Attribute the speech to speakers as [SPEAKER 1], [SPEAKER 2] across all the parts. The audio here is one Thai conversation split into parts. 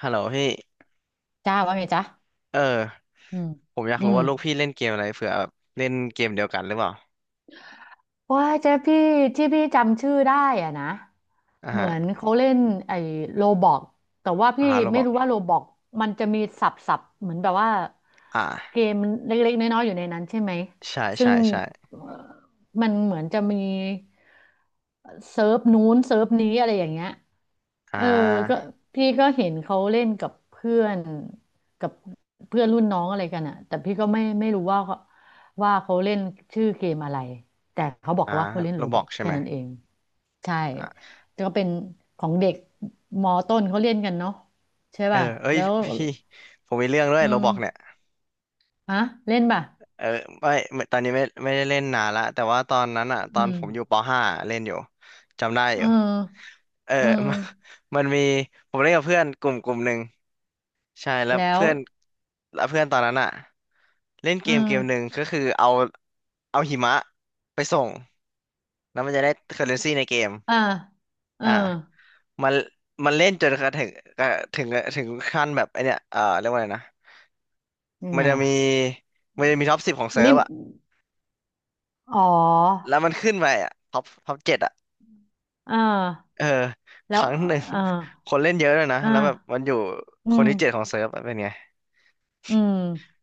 [SPEAKER 1] ฮัลโหลพี่
[SPEAKER 2] จ้าว่าไงจ้า
[SPEAKER 1] เออ
[SPEAKER 2] อืม
[SPEAKER 1] ผมอยาก
[SPEAKER 2] อื
[SPEAKER 1] รู้
[SPEAKER 2] ม
[SPEAKER 1] ว่าลูกพี่เล่นเกมอะไรเผื่อแบบเล่นเกมเดียวกันหรือเปล่า
[SPEAKER 2] ว่าเจ๊พี่ที่พี่จำชื่อได้อะนะ
[SPEAKER 1] อ่า
[SPEAKER 2] เหมื
[SPEAKER 1] ฮะ
[SPEAKER 2] อนเขาเล่นไอ้โรบอกแต่ว่า
[SPEAKER 1] อ่า
[SPEAKER 2] พี่
[SPEAKER 1] โรบ
[SPEAKER 2] ไม่
[SPEAKER 1] อก
[SPEAKER 2] รู้ว่าโรบอกมันจะมีสับเหมือนแบบว่า
[SPEAKER 1] อ่า
[SPEAKER 2] เกมเล็กๆน้อยๆอยู่ในนั้นใช่ไหม
[SPEAKER 1] ใช่
[SPEAKER 2] ซึ่
[SPEAKER 1] ใช่
[SPEAKER 2] ง
[SPEAKER 1] ใช่
[SPEAKER 2] เอ่อมันเหมือนจะมีเซิร์ฟนู้นเซิร์ฟนี้อะไรอย่างเงี้ย
[SPEAKER 1] อ่
[SPEAKER 2] เออก็
[SPEAKER 1] า
[SPEAKER 2] พี่ก็เห็นเขาเล่นกับเพื่อนกับเพื่อนรุ่นน้องอะไรกันอะแต่พี่ก็ไม่รู้ว่าเขาว่าเขาเล่นชื่อเกมอะไร แต่เขาบอก
[SPEAKER 1] อ่า
[SPEAKER 2] ว่าเขาเล่น
[SPEAKER 1] โร
[SPEAKER 2] โร
[SPEAKER 1] บ
[SPEAKER 2] บ
[SPEAKER 1] อ
[SPEAKER 2] ล็อ
[SPEAKER 1] ก
[SPEAKER 2] ก
[SPEAKER 1] ใช่
[SPEAKER 2] แค่
[SPEAKER 1] ไหม
[SPEAKER 2] นั้นเองใช่
[SPEAKER 1] อ่า
[SPEAKER 2] แต่ก็เป็นของเด็กมอต้นเขาเล่นกันเนาะใช่
[SPEAKER 1] เออ
[SPEAKER 2] ป่ะ
[SPEAKER 1] เอ้ย
[SPEAKER 2] แล้ว
[SPEAKER 1] พี่ผมมีเรื่องด้วย
[SPEAKER 2] อื
[SPEAKER 1] โร
[SPEAKER 2] ม
[SPEAKER 1] บอกเนี่ย
[SPEAKER 2] ฮะเล่นป่ะ
[SPEAKER 1] เออไม่ไม่ตอนนี้ไม่ไม่ได้เล่นนานละแต่ว่าตอนนั้นอ่ะต
[SPEAKER 2] อื
[SPEAKER 1] อน
[SPEAKER 2] ม
[SPEAKER 1] ผมอยู่ปห้าเล่นอยู่จำได้อ
[SPEAKER 2] เอ
[SPEAKER 1] ยู่
[SPEAKER 2] อ
[SPEAKER 1] เออ
[SPEAKER 2] เออ
[SPEAKER 1] มันมันผมเล่นกับเพื่อนกลุ่มหนึ่งใช่แล้ว
[SPEAKER 2] แล้ว
[SPEAKER 1] เพื่อนแล้วเพื่อนตอนนั้นอ่ะเล่นเก
[SPEAKER 2] เออ
[SPEAKER 1] มเกมหนึ่งก็คือเอาเอาหิมะไปส่ง แล้วมันจะได้เคอร์เรนซีในเกม
[SPEAKER 2] อ่าเออ
[SPEAKER 1] อ่ามันมันเล่นจนกระถึงกระถึงถึงขั้นแบบไอเนี้ยเรียกว่าอะไรนะ
[SPEAKER 2] ยัง
[SPEAKER 1] มั
[SPEAKER 2] ไง
[SPEAKER 1] นจะมี
[SPEAKER 2] อะ
[SPEAKER 1] มันจะมีท็อปสิบของเซิ
[SPEAKER 2] ลิ
[SPEAKER 1] ร์ฟ
[SPEAKER 2] ม
[SPEAKER 1] อะ
[SPEAKER 2] อ๋อ
[SPEAKER 1] แล้วมันขึ้นไปอะท็อปเจ็ดอะ
[SPEAKER 2] อ่า
[SPEAKER 1] เออค
[SPEAKER 2] แล้ว
[SPEAKER 1] รั้งหนึ่ง
[SPEAKER 2] อ่า
[SPEAKER 1] คนเล่นเยอะเลยนะ
[SPEAKER 2] อ่า
[SPEAKER 1] แล้วแบบมันอยู่
[SPEAKER 2] อื
[SPEAKER 1] คน
[SPEAKER 2] ม
[SPEAKER 1] ที่เจ็ดของเซิร์ฟอะเป็นไง
[SPEAKER 2] อืม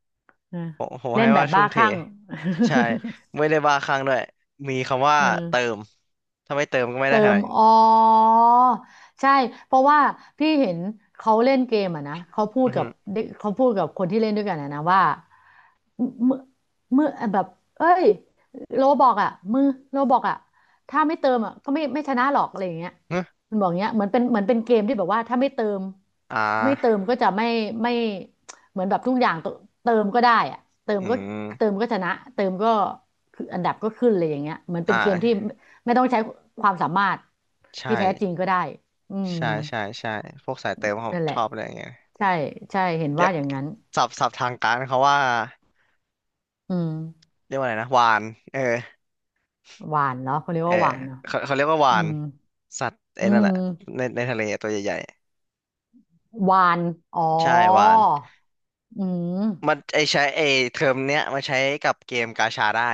[SPEAKER 2] อ่ะ
[SPEAKER 1] ผม
[SPEAKER 2] เล่
[SPEAKER 1] ให้
[SPEAKER 2] นแบ
[SPEAKER 1] ว่า
[SPEAKER 2] บ
[SPEAKER 1] ทุ่
[SPEAKER 2] บ้า
[SPEAKER 1] มเท
[SPEAKER 2] คลั่ง
[SPEAKER 1] ใช่ไม่ ได้บ้าคลั่งด้วย มีคำว่า
[SPEAKER 2] อื
[SPEAKER 1] เติ
[SPEAKER 2] ม
[SPEAKER 1] มถ้าไม่เติมก็ไม่ได้
[SPEAKER 2] เติ
[SPEAKER 1] ขนา
[SPEAKER 2] ม
[SPEAKER 1] ดนี้
[SPEAKER 2] อ๋อใช่เพราะว่าพี่เห็นเขาเล่นเกมอ่ะนะเขาพู
[SPEAKER 1] อื
[SPEAKER 2] ด
[SPEAKER 1] อ
[SPEAKER 2] กั
[SPEAKER 1] ฮึ
[SPEAKER 2] บเด็กเขาพูดกับคนที่เล่นด้วยกันอะนะว่าเมื่อเมื่อแบบเอ้ยโลบอกอ่ะมือโลบอกอ่ะถ้าไม่เติมอ่ะก็ไม่ชนะหรอกอะไรอย่างเงี้ยมันบอกเงี้ยเหมือนเป็นเกมที่แบบว่าถ้าไม่เติม
[SPEAKER 1] อ่
[SPEAKER 2] ไม่เติม
[SPEAKER 1] า
[SPEAKER 2] ก็จะไม่ไม่เหมือนแบบทุกอย่างเติมก็ได้อ่ะเติม
[SPEAKER 1] อื
[SPEAKER 2] ก็เติ
[SPEAKER 1] ม
[SPEAKER 2] มก็ชนะเติมก็คืออันดับก็ขึ้นเลยอย่างเงี้ยเหมือน
[SPEAKER 1] อ่
[SPEAKER 2] เป็นเกมที่
[SPEAKER 1] า
[SPEAKER 2] ไม่ต้องใช้ความสามารถ
[SPEAKER 1] ใช่
[SPEAKER 2] ที่แท้จริงก็ได้อืม
[SPEAKER 1] ใช่ใช่ใช่พวกสายเติมเขา
[SPEAKER 2] นั่นแห
[SPEAKER 1] ช
[SPEAKER 2] ละ
[SPEAKER 1] อบอะไรอย่างเงี้ย
[SPEAKER 2] ใช่ใช่เห็น
[SPEAKER 1] เรี
[SPEAKER 2] ว่า
[SPEAKER 1] ยก
[SPEAKER 2] อย่างนั้น
[SPEAKER 1] ศัพท์ทางการเขาว่า
[SPEAKER 2] อืม
[SPEAKER 1] เรียกว่าอะไรนะวานเออ
[SPEAKER 2] หวานเหรอเขาเรียก
[SPEAKER 1] เออ
[SPEAKER 2] ว่าหวานเหรอ
[SPEAKER 1] เขาเรียกว่า
[SPEAKER 2] อื
[SPEAKER 1] วาน
[SPEAKER 2] ม
[SPEAKER 1] สัตว์ไอ้
[SPEAKER 2] อื
[SPEAKER 1] นั่นแหละ
[SPEAKER 2] ม
[SPEAKER 1] ในทะเลตัวใหญ่
[SPEAKER 2] หวาน อ๋อ
[SPEAKER 1] ๆใช่วาน
[SPEAKER 2] อืม
[SPEAKER 1] มันไอใช้ไอเทอมเนี้ยมันใช้กับเกมกาชาได้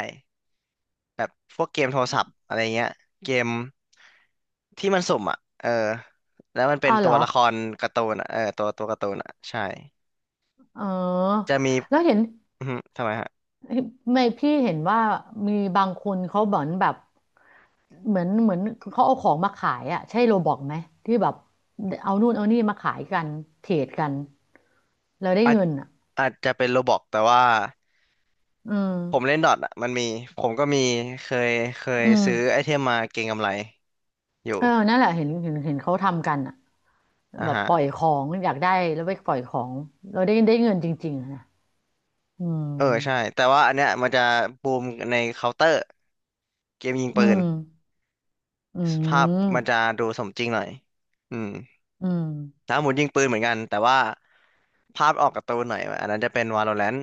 [SPEAKER 1] แบบพวกเกมโทรศัพท์อะไรเงี้ยเกมที่มันสุ่มอ่ะเออแล้วมันเป็น
[SPEAKER 2] อ้าวเห
[SPEAKER 1] ตั
[SPEAKER 2] ร
[SPEAKER 1] ว
[SPEAKER 2] อ
[SPEAKER 1] ละครการ์ตูนอะเออตัวตัวการ์ตูนอ่ะใช่
[SPEAKER 2] เออ
[SPEAKER 1] จะมี
[SPEAKER 2] แล้วเห็น
[SPEAKER 1] อือฮึทำไมฮะ
[SPEAKER 2] ไม่พี่เห็นว่ามีบางคนเขาเหมือนแบบเหมือนเขาเอาของมาขายอ่ะใช่โรบอกไหม ที่แบบเอานู่นเอานี่มาขายกัน เทรดกันแล้วได้
[SPEAKER 1] อาจ
[SPEAKER 2] เงินอ่ะ
[SPEAKER 1] อาจจะเป็นโรบอกแต่ว่า
[SPEAKER 2] อื
[SPEAKER 1] ผม
[SPEAKER 2] ม
[SPEAKER 1] เล่นดอทอ่ะมันมีผมก็มีเคยเคย
[SPEAKER 2] อืม
[SPEAKER 1] ซื้อไอเทมมาเก็งกำไรอยู่
[SPEAKER 2] เออนั่นแหละเห็นเขาทำกันอ่ะ
[SPEAKER 1] อ่ะ
[SPEAKER 2] แบบ
[SPEAKER 1] ฮะ
[SPEAKER 2] ปล่อยของอยากได้แล้วไปปล่อยของเราได้ได้เงินจริงๆอะนะอืม
[SPEAKER 1] เออใช่แต่ว่าอันเนี้ยมันจะบูมในเคาน์เตอร์เกมยิง
[SPEAKER 2] อื
[SPEAKER 1] ปืน
[SPEAKER 2] มอื
[SPEAKER 1] ภาพ
[SPEAKER 2] ม
[SPEAKER 1] มันจะดูสมจริงหน่อยอืม
[SPEAKER 2] อืม
[SPEAKER 1] ถ้าหมุนยิงปืนเหมือนกันแต่ว่าภาพออกการ์ตูนหน่อยอันนั้นจะเป็น Valorant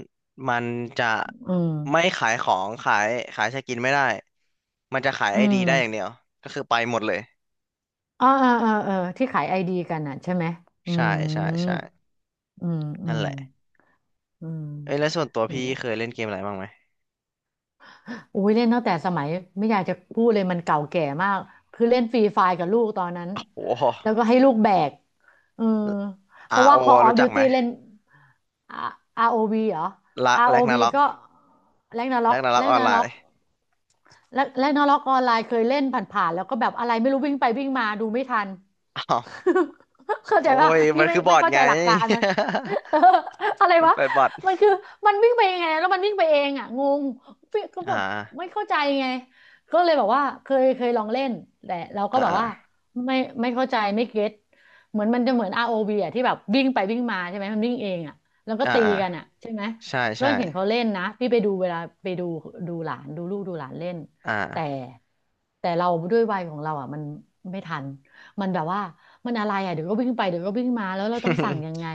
[SPEAKER 1] มันจะ
[SPEAKER 2] อื
[SPEAKER 1] ไม่
[SPEAKER 2] ม
[SPEAKER 1] ขายของขายขายสกินไม่ได้มันจะขาย
[SPEAKER 2] อื
[SPEAKER 1] ไอดี
[SPEAKER 2] ม
[SPEAKER 1] ได้อย่างเดียวก็คือไปหมดเลย
[SPEAKER 2] อ๋อเออเออที่ขายไอดีกันอ่ะใช่ไหมอื
[SPEAKER 1] ใช่ใช่ใช่
[SPEAKER 2] มอืมอื
[SPEAKER 1] นั่น
[SPEAKER 2] ม
[SPEAKER 1] แหละ
[SPEAKER 2] อืม
[SPEAKER 1] เอ้ยแล้วส่วนตัว
[SPEAKER 2] นั่
[SPEAKER 1] พี่
[SPEAKER 2] นแหละ
[SPEAKER 1] เคยเล่นเกมอะไรบ้างไหม
[SPEAKER 2] อุ้ยเล่นตั้งแต่สมัยไม่อยากจะพูดเลยมันเก่าแก่มากคือเล่นฟรีไฟกับลูกตอนนั้น
[SPEAKER 1] โอ้โห
[SPEAKER 2] แล้วก็ให้ลูกแบกเออเพราะ
[SPEAKER 1] RO
[SPEAKER 2] ว่า
[SPEAKER 1] รโอ
[SPEAKER 2] Call of
[SPEAKER 1] รู้จักไหม
[SPEAKER 2] Duty เล่น ROV เหรอ
[SPEAKER 1] ละแร็กนา
[SPEAKER 2] ROV
[SPEAKER 1] ร็อก
[SPEAKER 2] ก็แรงนาร็
[SPEAKER 1] แร็
[SPEAKER 2] อก
[SPEAKER 1] กนาร็อก
[SPEAKER 2] แร็
[SPEAKER 1] ออน
[SPEAKER 2] นา
[SPEAKER 1] ไล
[SPEAKER 2] ร็อก
[SPEAKER 1] น์
[SPEAKER 2] แรกแรกนล็อกออนไลน์เคยเล่นผ่านๆแล้วก็แบบอะไรไม่รู้วิ่งไปวิ่งมาดูไม่ทัน
[SPEAKER 1] อ้าว
[SPEAKER 2] เข้าใจ
[SPEAKER 1] โอ้
[SPEAKER 2] ป่ะ
[SPEAKER 1] ย
[SPEAKER 2] พี่
[SPEAKER 1] มัน
[SPEAKER 2] ไม่
[SPEAKER 1] คือบ
[SPEAKER 2] ไม่
[SPEAKER 1] อท
[SPEAKER 2] เข้า
[SPEAKER 1] ไง
[SPEAKER 2] ใจหลักการมัน เอออะไร
[SPEAKER 1] มัน
[SPEAKER 2] วะ
[SPEAKER 1] เปิดบอท
[SPEAKER 2] มันคือมันวิ่งไปยังไงแล้วมันวิ่งไปเองอ่ะงงพี่ก็
[SPEAKER 1] อ่
[SPEAKER 2] แบบไม่
[SPEAKER 1] า
[SPEAKER 2] เข้าใจไงก็เลยบอกว่าเคยลองเล่นแต่เราก็
[SPEAKER 1] อ่า
[SPEAKER 2] แบบ
[SPEAKER 1] อ่
[SPEAKER 2] ว่าไม่ไม่เข้าใจไม่เก็ตเหมือนมันจะเหมือน ROV อวีอ่ะที่แบบวิ่งไปวิ่งมาใช่ไหมมันวิ่งเองอ่ะแล้วก็
[SPEAKER 1] า
[SPEAKER 2] ตี
[SPEAKER 1] อ่า
[SPEAKER 2] กันอ่ะใช่ไหม
[SPEAKER 1] ใช่
[SPEAKER 2] ก็
[SPEAKER 1] ใช่
[SPEAKER 2] เห็นเขาเล่นนะพี่ไปดูเวลาไปดูดูหลานดูลูกดูหลานเล่น
[SPEAKER 1] อ
[SPEAKER 2] แต่
[SPEAKER 1] ่า
[SPEAKER 2] แต่เราด้วยวัยของเราอ่ะมันไม่ทันมันแบบว่ามันอะไรอ่ะเดี๋ยวก็วิ่งไปเดี๋ยวก็วิ่งมาแล้วเราต้องสั่งยัง ไง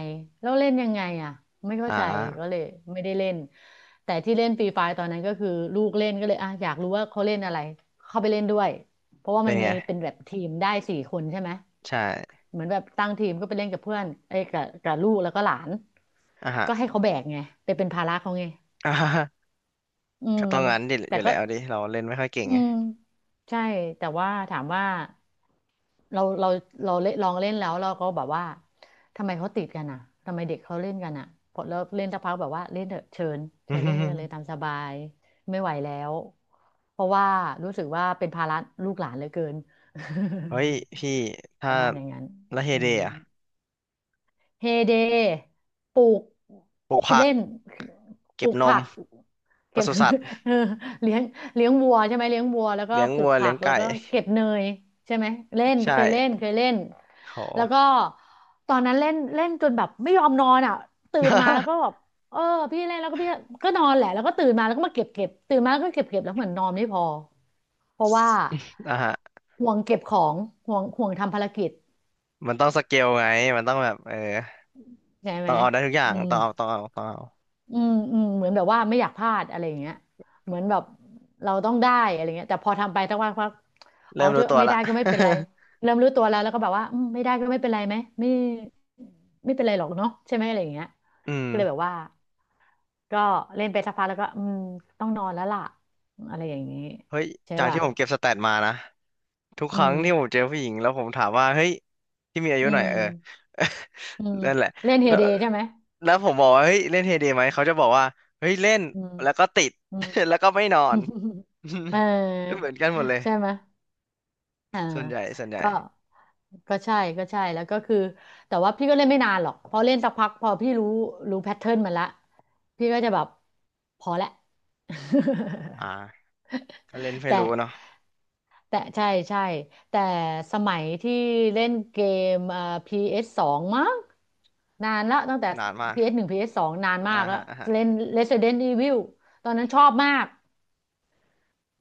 [SPEAKER 2] แล้วเล่นยังไงอ่ะไม่เข้า
[SPEAKER 1] อ่
[SPEAKER 2] ใจก็
[SPEAKER 1] า
[SPEAKER 2] เลยไม่ได้เล่นแต่ที่เล่นฟรีไฟตอนนั้นก็คือลูกเล่นก็เลยอ่ะอยากรู้ว่าเขาเล่นอะไรเข้าไปเล่นด้วยเพราะว่า
[SPEAKER 1] เป็
[SPEAKER 2] มั
[SPEAKER 1] น
[SPEAKER 2] น
[SPEAKER 1] ไง
[SPEAKER 2] มีเป็นแบบทีมได้4 คนใช่ไหม
[SPEAKER 1] ใช่
[SPEAKER 2] เหมือนแบบตั้งทีมก็ไปเล่นกับเพื่อนเอ้ยกับกับลูกแล้วก็หลาน
[SPEAKER 1] อ่าฮะ
[SPEAKER 2] ก็ให้เขาแบกไงไปเป็นภาระเขาไง
[SPEAKER 1] อ่าฮะ
[SPEAKER 2] อื
[SPEAKER 1] ก็
[SPEAKER 2] ม
[SPEAKER 1] ต้องงั้นดิอ
[SPEAKER 2] แต่
[SPEAKER 1] ยู่
[SPEAKER 2] ก็
[SPEAKER 1] แล้วดิเราเล่นไม่ค่อยเก่ง
[SPEAKER 2] อื
[SPEAKER 1] ไง
[SPEAKER 2] มใช่แต่ว่าถามว่าเราเราเราเล่นลองเล่นแล้วเราก็แบบว่าทำไมเขาติดกันอ่ะทำไมเด็กเขาเล่นกันอ่ะพอเลิกเล่นสักพักแบบว่าเล่นเถอะเชิญเชิญเล่นเล่นกันเล ยตามสบายไม่ไหวแล้วเพราะว่ารู้สึกว่าเป็นภาระลูกหลานเหลือเกิน
[SPEAKER 1] เฮ้ยพี่
[SPEAKER 2] ป
[SPEAKER 1] ถ้า
[SPEAKER 2] ระมาณอย่างนั้น
[SPEAKER 1] ละเฮ
[SPEAKER 2] อื
[SPEAKER 1] เด
[SPEAKER 2] ม
[SPEAKER 1] อะ
[SPEAKER 2] เฮเดปลูก
[SPEAKER 1] ปลูกผัก
[SPEAKER 2] เล่นป
[SPEAKER 1] เก็
[SPEAKER 2] ลู
[SPEAKER 1] บ
[SPEAKER 2] ก
[SPEAKER 1] น
[SPEAKER 2] ผั
[SPEAKER 1] ม
[SPEAKER 2] ก
[SPEAKER 1] ป
[SPEAKER 2] เก็บ
[SPEAKER 1] ศุสัตว์
[SPEAKER 2] เออเลี้ยงเลี้ยงวัวใช่ไหมเลี้ยงวัวแล้วก็
[SPEAKER 1] เลี้ยง
[SPEAKER 2] ปลู
[SPEAKER 1] วั
[SPEAKER 2] ก
[SPEAKER 1] ว
[SPEAKER 2] ผั
[SPEAKER 1] เลี้ยง
[SPEAKER 2] กแล้
[SPEAKER 1] ไก่
[SPEAKER 2] วก็ เก็บเนยใช่ไหมเล่น
[SPEAKER 1] ใช่
[SPEAKER 2] เคยเล่น แล้วก็
[SPEAKER 1] โห
[SPEAKER 2] ตอนนั้นเล่นเล่นจนแบบไม่ยอมนอนอ่ะตื่นมาแล้วก็แบบเออพี่เล่นแล้วก็พี่ก็นอนแหละแล้วก็ตื่นมาแล้วก็มาเก็บตื่นมาแล้วก็เก็บแล้วเหมือนนอนไม่พอ เพราะว่า
[SPEAKER 1] อ่ะฮะ
[SPEAKER 2] ห่วงเก็บของห่วงทำภารกิจ
[SPEAKER 1] มันต้องสเกลไงมันต้องแบบเออ
[SPEAKER 2] ใช่ไหม
[SPEAKER 1] ต้องเอาได้ทุกอย่า
[SPEAKER 2] อื
[SPEAKER 1] ง
[SPEAKER 2] ม
[SPEAKER 1] ต้องเอา
[SPEAKER 2] อืมอืมเหมือนแบบว่าไม่อยากพลาดอะไรอย่างเงี้ยเหมือนแบบเราต้องได้อะไรเงี้ยแต่พอทำไปตั้งวันพัก
[SPEAKER 1] เริ่
[SPEAKER 2] เอา
[SPEAKER 1] ม
[SPEAKER 2] เถ
[SPEAKER 1] รู้
[SPEAKER 2] อะ
[SPEAKER 1] ตัว
[SPEAKER 2] ไม่
[SPEAKER 1] ละ
[SPEAKER 2] ได้ก็ไม่เป็นไรเริ่มรู้ตัวแล้วแล้วก็แบบว่าอืมไม่ได้ก็ไม่เป็นไรไหมไม่ไม่เป็นไรหรอกเนาะใช่ไหมอะไรอย่างเงี้ย
[SPEAKER 1] อืม
[SPEAKER 2] ก็เลยแบบว่าก็เล่นไปสักพักแล้วก็อืมต้องนอนแล้วล่ะอะไรอย่างงี้
[SPEAKER 1] เฮ้ย
[SPEAKER 2] ใช่
[SPEAKER 1] จาก
[SPEAKER 2] ป่ะ
[SPEAKER 1] ที่ผมเก็บสแตทมานะทุกค
[SPEAKER 2] อื
[SPEAKER 1] รั้ง
[SPEAKER 2] ม
[SPEAKER 1] ที่ผมเจอผู้หญิงแล้วผมถามว่าเฮ้ยที่มีอายุ
[SPEAKER 2] อื
[SPEAKER 1] หน่อย
[SPEAKER 2] ม
[SPEAKER 1] เออ
[SPEAKER 2] อืม
[SPEAKER 1] นั่นแหละ
[SPEAKER 2] เล่นเฮ
[SPEAKER 1] แล้ว
[SPEAKER 2] เดใช่ไหม
[SPEAKER 1] แล้วผมบอกว่าเฮ้ยเล่นเฮเดไหมเขาจะบอกว่าเฮ้ยเล่น
[SPEAKER 2] อืม
[SPEAKER 1] แล้วก็ติด
[SPEAKER 2] อืม
[SPEAKER 1] แล้วก็ไม่นอ
[SPEAKER 2] อืม
[SPEAKER 1] น
[SPEAKER 2] เออ
[SPEAKER 1] เหมือนกันหมดเลย
[SPEAKER 2] ใช่ไหม อ่า
[SPEAKER 1] ส่วนใหญ่
[SPEAKER 2] ก็ก็ใช่ก็ใช่แล้วก็คือแต่ว่าพี่ก็เล่นไม่นานหรอกพอเล่นสักพักพอพี่รู้รู้แพทเทิร์นมันละพี่ก็จะแบบพอละ
[SPEAKER 1] อ ่าก็เล่นไฟ
[SPEAKER 2] แต่
[SPEAKER 1] รู้เนาะ
[SPEAKER 2] แต่ใช่ใช่แต่สมัยที่เล่นเกมPS สสองมั้งนานละตั้งแต่
[SPEAKER 1] นานมาก
[SPEAKER 2] PS หนึ่ง PS สสองนานมา
[SPEAKER 1] อ่า
[SPEAKER 2] กแล้ว
[SPEAKER 1] ฮะอ่าฮะ
[SPEAKER 2] เล่น Resident Evil ตอนนั้นชอบมาก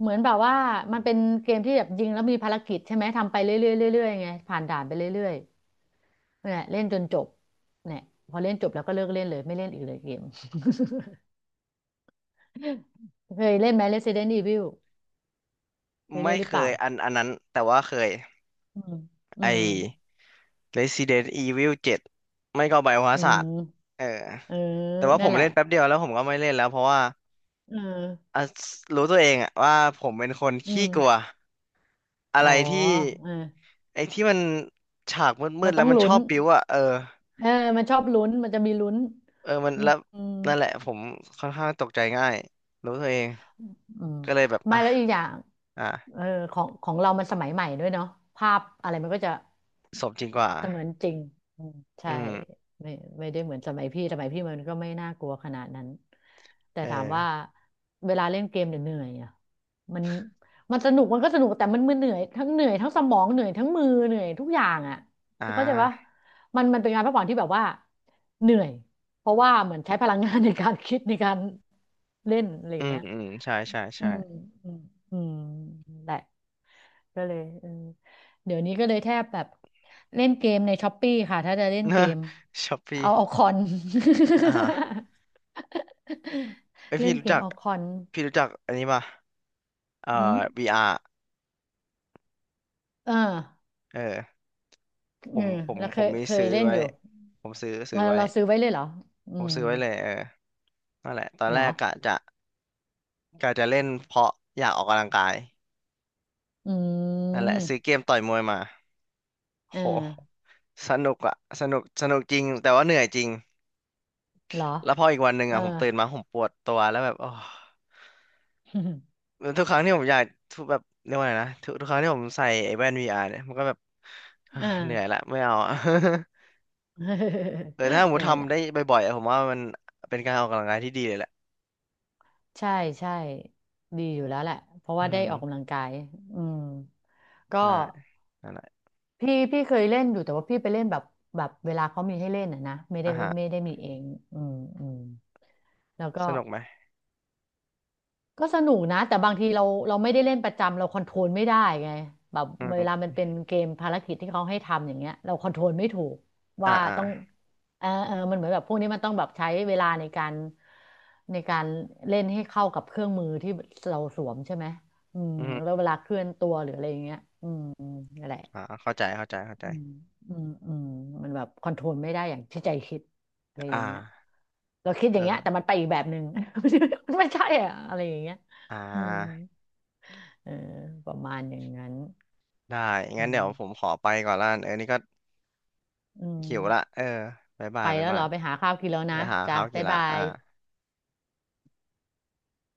[SPEAKER 2] เหมือนแบบว่ามันเป็นเกมที่แบบยิงแล้วมีภารกิจใช่ไหมทำไปเรื่อยๆเรื่อยๆไงผ่านด่านไปเรื่อย เนี่ยเล่นจนจบเนี่ยพอเล่นจบแล้วก็เลิกเล่นเลยไม่เล่นอีกเลยเกม เคยเล่นไหม Resident Evil เคย
[SPEAKER 1] ไม่
[SPEAKER 2] เล่นหรือ
[SPEAKER 1] เค
[SPEAKER 2] เปล่า
[SPEAKER 1] ยอันนั้นแต่ว่าเคย
[SPEAKER 2] อืมอื
[SPEAKER 1] ไอ้
[SPEAKER 2] ม
[SPEAKER 1] Resident Evil 7ไม่ก็
[SPEAKER 2] อื
[SPEAKER 1] Biohazard ศาสตร์
[SPEAKER 2] ม
[SPEAKER 1] เออ
[SPEAKER 2] เออ
[SPEAKER 1] แต่ว่าผ
[SPEAKER 2] นั่น
[SPEAKER 1] ม
[SPEAKER 2] แหละ
[SPEAKER 1] เล่นแป๊บเดียวแล้วผมก็ไม่เล่นแล้วเพราะว่า
[SPEAKER 2] เออ
[SPEAKER 1] อ่ะรู้ตัวเองอะว่าผมเป็นคน
[SPEAKER 2] อื
[SPEAKER 1] ขี้
[SPEAKER 2] ม
[SPEAKER 1] กลัวอะ
[SPEAKER 2] อ๋อ
[SPEAKER 1] ไรที่
[SPEAKER 2] เออ
[SPEAKER 1] ไอ้ที่มันฉากมื
[SPEAKER 2] มัน
[SPEAKER 1] ดๆ
[SPEAKER 2] ต้
[SPEAKER 1] แล้
[SPEAKER 2] อ
[SPEAKER 1] ว
[SPEAKER 2] ง
[SPEAKER 1] มัน
[SPEAKER 2] ลุ้
[SPEAKER 1] ชอ
[SPEAKER 2] น
[SPEAKER 1] บบิ้วอะเออ
[SPEAKER 2] เออมันชอบลุ้นมันจะมีลุ้น
[SPEAKER 1] เออมัน
[SPEAKER 2] อื
[SPEAKER 1] แล้ว
[SPEAKER 2] ม
[SPEAKER 1] นั่นแหละผมค่อนข้างตกใจง่ายรู้ตัวเอง
[SPEAKER 2] อืม
[SPEAKER 1] ก็เลยแบบ
[SPEAKER 2] ไม่
[SPEAKER 1] อ่ะ
[SPEAKER 2] แล้วอีกอย่าง
[SPEAKER 1] อ่ะ
[SPEAKER 2] เออของของเรามันสมัยใหม่ด้วยเนาะภาพอะไรมันก็จะ
[SPEAKER 1] สมจริงกว่า
[SPEAKER 2] เสมือนจริงอืมใช่
[SPEAKER 1] อืม
[SPEAKER 2] ไม่ไม่ได้เหมือนสมัยพี่สมัยพี่มันก็ไม่น่ากลัวขนาดนั้นแต่
[SPEAKER 1] เอ
[SPEAKER 2] ถามว่า
[SPEAKER 1] อ
[SPEAKER 2] เวลาเล่นเกมเนี่ยเหนื่อยอ่ะมันมันสนุกมันก็สนุกแต่มันมันเหนื่อยทั้งเหนื่อยทั้งสมองเหนื่อยทั้งมือเหนื่อยทุกอย่างอ่ะ
[SPEAKER 1] อ่
[SPEAKER 2] เข้าใจปะ
[SPEAKER 1] า
[SPEAKER 2] มันมันเป็นงานพักผ่อนที่แบบว่าเหนื่อยเพราะว่าเหมือนใช้พลังงานในการคิดในการเล่นอะไรอ
[SPEAKER 1] อื
[SPEAKER 2] ย่าง
[SPEAKER 1] ม
[SPEAKER 2] เงี้ย
[SPEAKER 1] อืมใช่ใช่
[SPEAKER 2] อื
[SPEAKER 1] ใช่
[SPEAKER 2] มอืมอืมแหละก็เลยเออเดี๋ยวนี้ก็เลยแทบแบบเล่นเกมในช้อปปี้ค่ะถ้าจะเล่น
[SPEAKER 1] เน
[SPEAKER 2] เก
[SPEAKER 1] อะ
[SPEAKER 2] ม
[SPEAKER 1] ช้อปปี้
[SPEAKER 2] เอาเอาคอน
[SPEAKER 1] อ่าไอย
[SPEAKER 2] เล่
[SPEAKER 1] พี่
[SPEAKER 2] นเก
[SPEAKER 1] รู้
[SPEAKER 2] ม
[SPEAKER 1] จัก
[SPEAKER 2] เอาคอน
[SPEAKER 1] พี่รู้จักอันนี้ป่ะเอ่
[SPEAKER 2] อืม
[SPEAKER 1] อ VR
[SPEAKER 2] เออ
[SPEAKER 1] เออผ
[SPEAKER 2] เอ
[SPEAKER 1] ม
[SPEAKER 2] อ
[SPEAKER 1] ผม
[SPEAKER 2] แล้ว
[SPEAKER 1] ผ
[SPEAKER 2] เค
[SPEAKER 1] ม
[SPEAKER 2] ย
[SPEAKER 1] มี
[SPEAKER 2] เค
[SPEAKER 1] ซื้
[SPEAKER 2] ย
[SPEAKER 1] อ
[SPEAKER 2] เล่น
[SPEAKER 1] ไว้
[SPEAKER 2] อยู่
[SPEAKER 1] ผมซื้อ
[SPEAKER 2] เรา
[SPEAKER 1] ไว้
[SPEAKER 2] เราซื้อไว้เลยเหรออื
[SPEAKER 1] ผม
[SPEAKER 2] ม
[SPEAKER 1] ซื้อไว้เลยเออนั่นแหละตอน
[SPEAKER 2] เหร
[SPEAKER 1] แร
[SPEAKER 2] อ
[SPEAKER 1] กกะจะเล่นเพราะอยากออกกำลังกาย
[SPEAKER 2] อื
[SPEAKER 1] นั่นแหละซื้อเก
[SPEAKER 2] ม
[SPEAKER 1] มต่อยมวยมา
[SPEAKER 2] เอ
[SPEAKER 1] โห
[SPEAKER 2] อ
[SPEAKER 1] สนุกอะสนุกจริงแต่ว่าเหนื่อยจริง
[SPEAKER 2] เหรอ
[SPEAKER 1] แล้วพออีกวันหนึ่ง
[SPEAKER 2] เออ
[SPEAKER 1] อะผมตื่นมาผมปวดตัวแล้วแบบโอ้ แล้วทุกครั้งที่ผมอยากทุกแบบเรียกว่าไงนะทุกครั้งที่ผมใส่ไอ้แว่น VR เนี่ยมันก็แบบ เฮ้
[SPEAKER 2] เอ่า
[SPEAKER 1] ยเหนื่อยละไม่เอาอะ เออถ้าผ ม
[SPEAKER 2] เนี่ย แหละ
[SPEAKER 1] ทำได้บ่อยๆอะผมว่ามันเป็นการออกกำลังกายที่ดีเลยแหละ
[SPEAKER 2] ใช่ใช่ดีอยู่แล้วแหละเพราะ
[SPEAKER 1] อื
[SPEAKER 2] ว่าได้
[SPEAKER 1] ม
[SPEAKER 2] ออกกำลังกายอืมก็
[SPEAKER 1] ใช่นั่นแหละ
[SPEAKER 2] พี่พี่เคยเล่นอยู่แต่ว่าพี่ไปเล่นแบบแบบเวลาเขามีให้เล่นอ่ะนะไม่ได้
[SPEAKER 1] อ่ะ
[SPEAKER 2] ไม่
[SPEAKER 1] ฮะ
[SPEAKER 2] ได้มีเองอืมอืมแล้วก็
[SPEAKER 1] สนุกไหม
[SPEAKER 2] ก็สนุกนะแต่บางทีเราเราไม่ได้เล่นประจำเราคอนโทรลไม่ได้ไงแบบ
[SPEAKER 1] อื
[SPEAKER 2] เวลามั
[SPEAKER 1] ม
[SPEAKER 2] นเป็นเกมภารกิจที่เขาให้ทำอย่างเงี้ยเราคอนโทรลไม่ถูก
[SPEAKER 1] อ่า
[SPEAKER 2] ว่า
[SPEAKER 1] อ่า
[SPEAKER 2] ต้องเออเออมันเหมือนแบบพวกนี้มันต้องแบบใช้เวลาในการในการเล่นให้เข้ากับเครื่องมือที่เราสวมใช่ไหมอืม
[SPEAKER 1] อืม
[SPEAKER 2] แล้วเวลาเคลื่อนตัวหรืออะไรอย่างเงี้ยอืมนั่นแหละ
[SPEAKER 1] อ่าเข้าใจเข้าใจเข้าใจ
[SPEAKER 2] อืมอืมอืมมันแบบคอนโทรลไม่ได้อย่างที่ใจคิดอะไรอ
[SPEAKER 1] อ่
[SPEAKER 2] ย่างเงี้ย
[SPEAKER 1] า
[SPEAKER 2] เราคิดอ
[SPEAKER 1] เอ
[SPEAKER 2] ย่า
[SPEAKER 1] อ
[SPEAKER 2] งเงี้ยแต่มันไปอีกแบบหนึ่ง มันไม่ใช่อะอะไรอย่างเงี้ย
[SPEAKER 1] อ่
[SPEAKER 2] อืม
[SPEAKER 1] า
[SPEAKER 2] เออประมาณอย่างนั้น
[SPEAKER 1] ได้
[SPEAKER 2] อื
[SPEAKER 1] งั้นเดี๋ยวผม
[SPEAKER 2] ม
[SPEAKER 1] ขอไปก่อนละกันเออนี่ก็
[SPEAKER 2] อืม
[SPEAKER 1] หิวละเออบ๊ายบา
[SPEAKER 2] ไป
[SPEAKER 1] ยบ๊าย
[SPEAKER 2] แล้วเห
[SPEAKER 1] บา
[SPEAKER 2] รอ
[SPEAKER 1] ย
[SPEAKER 2] ไปหาข้าวกินแล้วนะ
[SPEAKER 1] ไปหา
[SPEAKER 2] จ้ะ
[SPEAKER 1] ข้าวกิ
[SPEAKER 2] บ๊า
[SPEAKER 1] น
[SPEAKER 2] ย
[SPEAKER 1] ละ
[SPEAKER 2] บา
[SPEAKER 1] อ่า
[SPEAKER 2] ย